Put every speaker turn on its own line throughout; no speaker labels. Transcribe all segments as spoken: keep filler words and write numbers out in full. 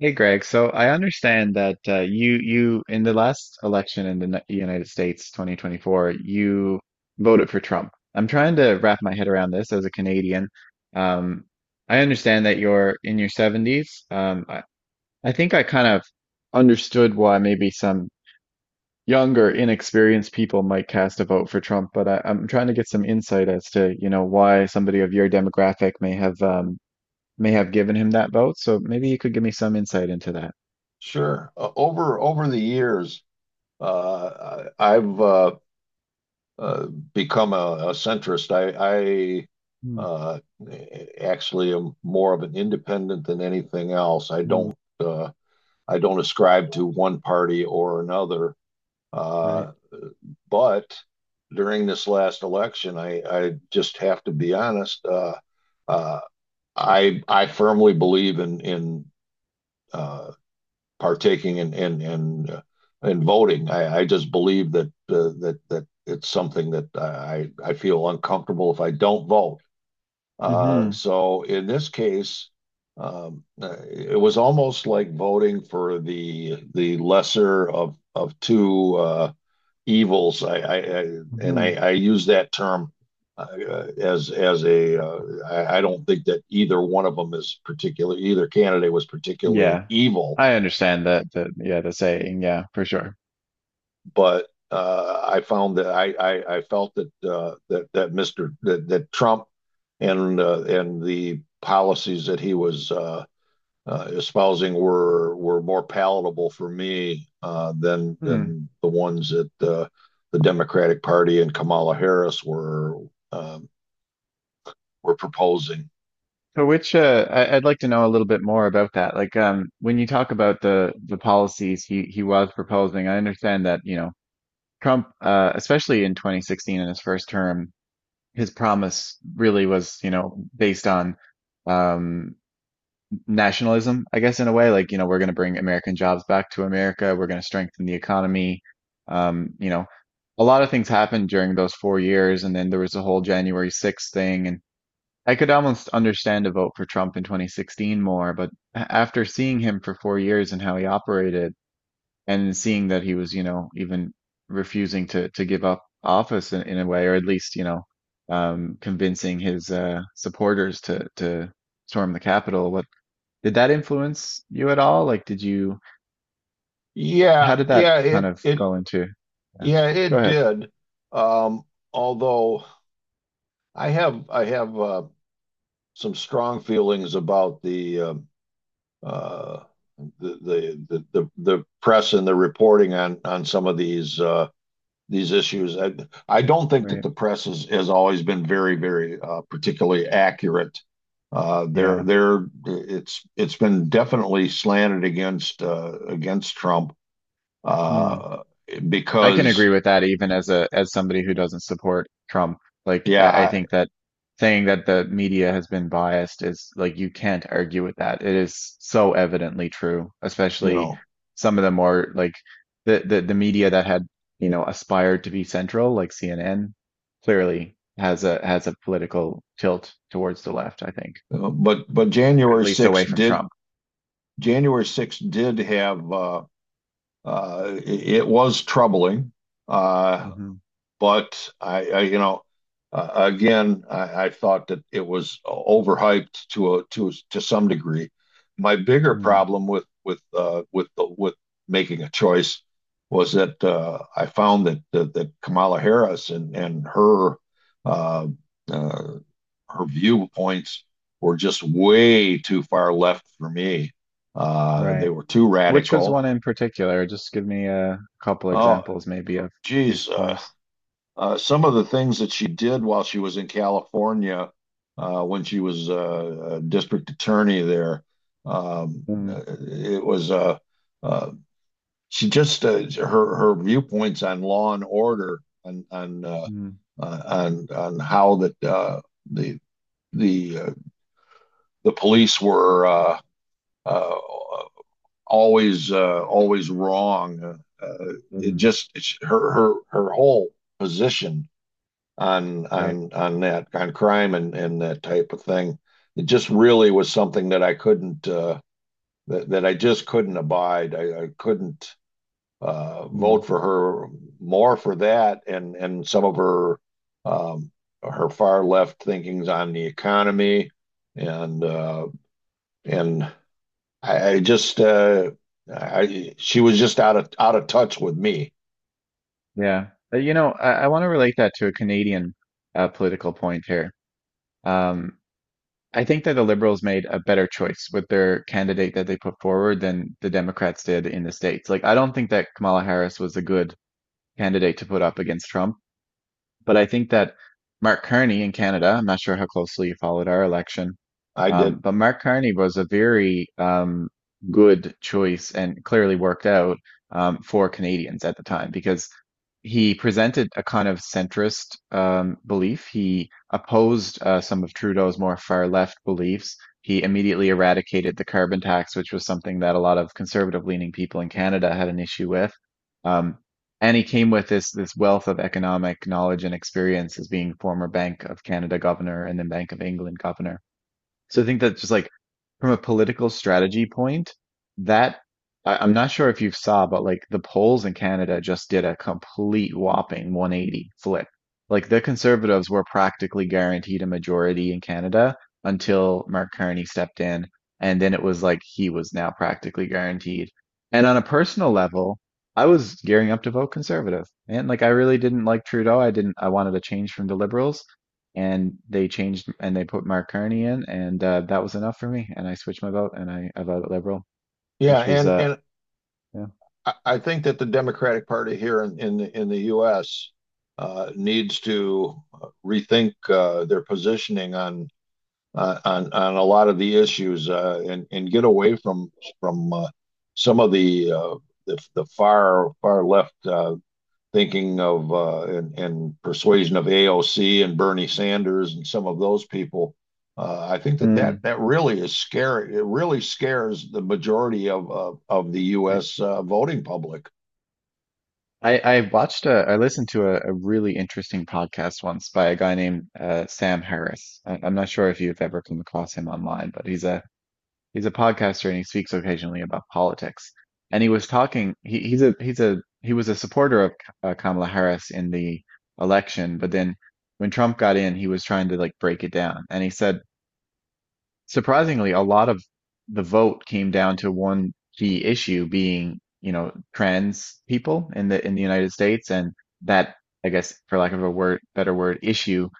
Hey Greg, so I understand that uh, you you in the last election in the Ni- United States twenty twenty-four, you voted for Trump. I'm trying to wrap my head around this as a Canadian. Um, I understand that you're in your seventies. Um, I, I think I kind of understood why maybe some younger, inexperienced people might cast a vote for Trump, but I, I'm trying to get some insight as to, you know, why somebody of your demographic may have um, may have given him that vote. So maybe you could give me some insight into that.
Sure. Uh, over over the years, uh, I- I've uh, uh, become a, a centrist. I, I uh, actually am more of an independent than anything else. I
Mm,
don't uh, I don't ascribe to one party or another.
right.
Uh, but during this last election, I, I just have to be honest. Uh, uh, I I firmly believe in in uh, partaking in in in, uh, in voting. I, I just believe that uh, that that it's something that I I feel uncomfortable if I don't vote. Uh,
hmm
so in this case, um, uh, it was almost like voting for the the lesser of of two uh, evils. I, I, I and
hmm
I, I use that term uh, as as a uh, I, I don't think that either one of them is particular either candidate was particularly
Yeah.
evil.
I understand that, that, yeah, the saying, yeah, for sure.
but uh, I found that I I, I felt that uh, that that mister that, that Trump and uh, and the policies that he was uh, uh, espousing were were more palatable for me uh, than
Hmm.
than the ones that uh, the Democratic Party and Kamala Harris were um, were proposing.
So which, uh, I, I'd like to know a little bit more about that. Like, um, when you talk about the, the policies he, he was proposing, I understand that, you know, Trump, uh, especially in twenty sixteen in his first term, his promise really was, you know, based on, um, nationalism, I guess, in a way. Like, you know, we're going to bring American jobs back to America. We're going to strengthen the economy. Um, you know, a lot of things happened during those four years, and then there was the whole January sixth thing. And I could almost understand a vote for Trump in twenty sixteen more, but a- after seeing him for four years and how he operated, and seeing that he was, you know, even refusing to to give up office in, in a way, or at least, you know, um, convincing his uh, supporters to to storm the Capitol. What did that influence you at all? Like, did you, how
Yeah,
did that
yeah,
kind
it
of
it
go into? Yeah.
yeah
Go
it
ahead.
did. Um, although I have I have uh, some strong feelings about the um, uh, the, the the the press and the reporting on on some of these uh, these issues. I, I don't think that
Right.
the press has, has always been very very uh, particularly accurate. Uh, they're
Yeah.
they're it's it's been definitely slanted against uh, against Trump
Hmm.
uh,
I can
because
agree with that even as a as somebody who doesn't support Trump. Like
yeah
I, I
I,
think that saying that the media has been biased is like you can't argue with that. It is so evidently true,
you
especially
know
some of the more like the the, the media that had, you know, aspired to be central, like C N N, clearly has a has a political tilt towards the left, I think.
uh, but but
At
January
least away
6th
from
did
Trump.
January sixth did have uh, uh, it, was troubling. Uh,
Hmm
but I, I, you know, uh, again, I, I thought that it was overhyped to a to to some degree. My bigger
Hmm.
problem with with uh, with the, with making a choice was that uh, I found that, that that Kamala Harris and and her uh, uh, her viewpoints were just way too far left for me. Uh, they
Right.
were too
Which was
radical.
one in particular? Just give me a couple
Oh,
examples, maybe, of these
geez, uh,
points.
uh, some of the things that she did while she was in California, uh, when she was uh, a district attorney there. Um,
Mm,
uh, it was uh, uh, she just uh, Her her viewpoints on law and order, on on uh,
mm,
uh, on on how that uh, the the uh, the police were uh, uh, always uh, always wrong. Uh, uh, it
mm,
just it's her her her whole position on
right.
on on that on crime and and that type of thing. It just really was something that I couldn't uh, that that I just couldn't abide. I, I couldn't uh,
Mm,
vote for her, more for that and and some of her um, her far left thinkings on the economy and uh, and I, I just uh, I she was just out of out of touch with me.
yeah. Uh, You know, I, I want to relate that to a Canadian uh, political point here. Um, I think that the Liberals made a better choice with their candidate that they put forward than the Democrats did in the States. Like, I don't think that Kamala Harris was a good candidate to put up against Trump. But I think that Mark Carney in Canada, I'm not sure how closely you followed our election,
I
um,
did.
but Mark Carney was a very um, good choice and clearly worked out um, for Canadians at the time because he presented a kind of centrist um, belief. He opposed uh, some of Trudeau's more far left beliefs. He immediately eradicated the carbon tax, which was something that a lot of conservative leaning people in Canada had an issue with. Um, and he came with this this wealth of economic knowledge and experience as being former Bank of Canada governor and then Bank of England governor. So I think that's just like from a political strategy point, that I, I'm not sure if you saw, but like the polls in Canada just did a complete whopping one eighty flip. Like the Conservatives were practically guaranteed a majority in Canada until Mark Carney stepped in, and then it was like he was now practically guaranteed. And on a personal level, I was gearing up to vote Conservative, and like I really didn't like Trudeau. I didn't. I wanted a change from the Liberals and they changed and they put Mark Carney in, and uh, that was enough for me. And I switched my vote, and I, I voted Liberal,
yeah
which was
and
uh
and
yeah.
I, I think that the Democratic Party here in in, the- in the U S. Uh, needs to rethink uh, their positioning on uh, on on a lot of the issues, uh, and and get away from from uh, some of the, uh, the the far far left uh, thinking of uh, and, and persuasion of A O C and Bernie Sanders and some of those people. Uh, I think that, that
Mm,
that really is scary. It really scares the majority of of, of the
yeah.
U S. Uh, voting public.
I I watched a, I listened to a, a really interesting podcast once by a guy named uh, Sam Harris. I, I'm not sure if you've ever come across him online, but he's a he's a podcaster and he speaks occasionally about politics. And he was talking. He, he's a he's a he was a supporter of uh, Kamala Harris in the election, but then when Trump got in, he was trying to like break it down, and he said surprisingly, a lot of the vote came down to one key issue being, you know, trans people in the in the United States, and that, I guess, for lack of a word, better word, issue.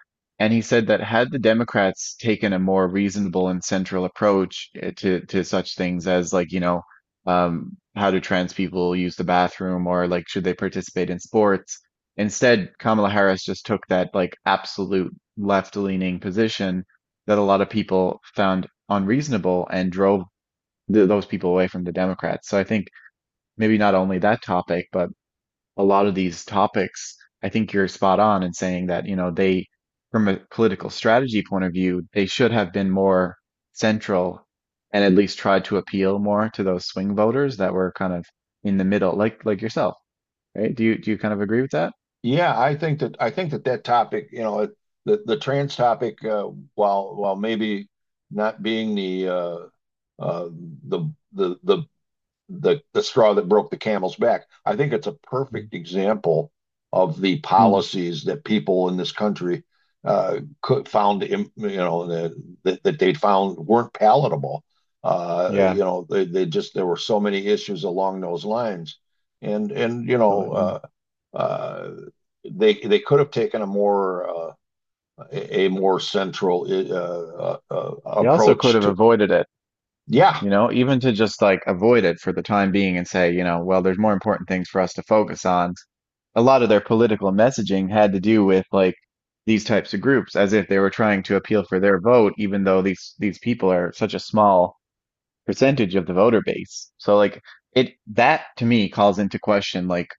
And he said that had the Democrats taken a more reasonable and central approach eh, to to such things as like, you know, um, how do trans people use the bathroom or like should they participate in sports? Instead, Kamala Harris just took that like absolute left-leaning position that a lot of people found unreasonable and drove th- those people away from the Democrats. So I think maybe not only that topic, but a lot of these topics, I think you're spot on in saying that, you know, they, from a political strategy point of view, they should have been more central and at least tried to appeal more to those swing voters that were kind of in the middle, like like yourself right? Do you do you kind of agree with that?
Yeah, I think that I think that that topic, you know, the the trans topic, uh, while while maybe not being the uh, uh, the the the the the straw that broke the camel's back. I think it's a
Mm.
perfect example of the
Hmm.
policies that people in this country uh, could found, im- you know, that that they found weren't palatable. Uh, you
Yeah,
know, they, they just there were so many issues along those lines, and and you know.
absolutely.
Uh, uh, they they could have taken a more uh, a more central uh, uh, uh,
They also could
approach
have
to.
avoided it,
Yeah,
you know, even to just like avoid it for the time being and say, you know, well, there's more important things for us to focus on. A lot of their political messaging had to do with like these types of groups as if they were trying to appeal for their vote, even though these these people are such a small percentage of the voter base. So like it that to me calls into question like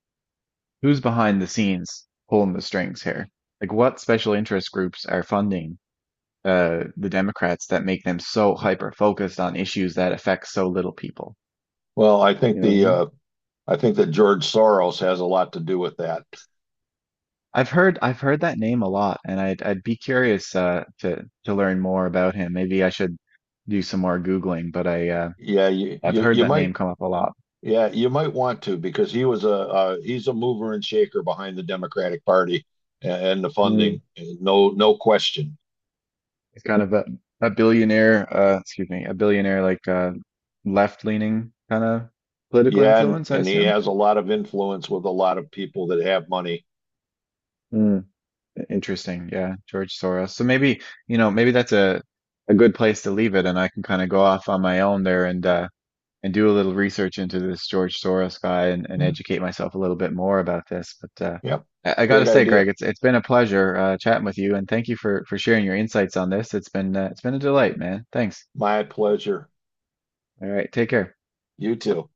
who's behind the scenes pulling the strings here? Like what special interest groups are funding uh the Democrats that make them so hyper focused on issues that affect so little people?
well, I
You
think
know what I
the
mean?
uh, I think that George Soros has a lot to do with that.
I've heard I've heard that name a lot, and I'd I'd be curious uh, to to learn more about him. Maybe I should do some more Googling, but I uh,
Yeah, you
I've
you,
heard
you
that name
might.
come up a lot.
Yeah, you might want to, because he was a uh, he's a mover and shaker behind the Democratic Party and, and the
Mm.
funding, no no question.
It's kind of a a billionaire, uh, excuse me, a billionaire like uh, left-leaning kind of political
Yeah, and,
influence, I
and he
assume.
has a lot of influence with a lot of people that have money.
Mm. Interesting, yeah, George Soros. So maybe you know maybe that's a a good place to leave it, and I can kind of go off on my own there and uh, and do a little research into this George Soros guy and, and
Yeah,
educate myself a little bit more about this. But uh,
yeah,
I, I got to
great
say, Greg,
idea.
it's it's been a pleasure uh, chatting with you, and thank you for for sharing your insights on this. It's been uh, it's been a delight, man. Thanks.
My pleasure.
All right, take care.
You too.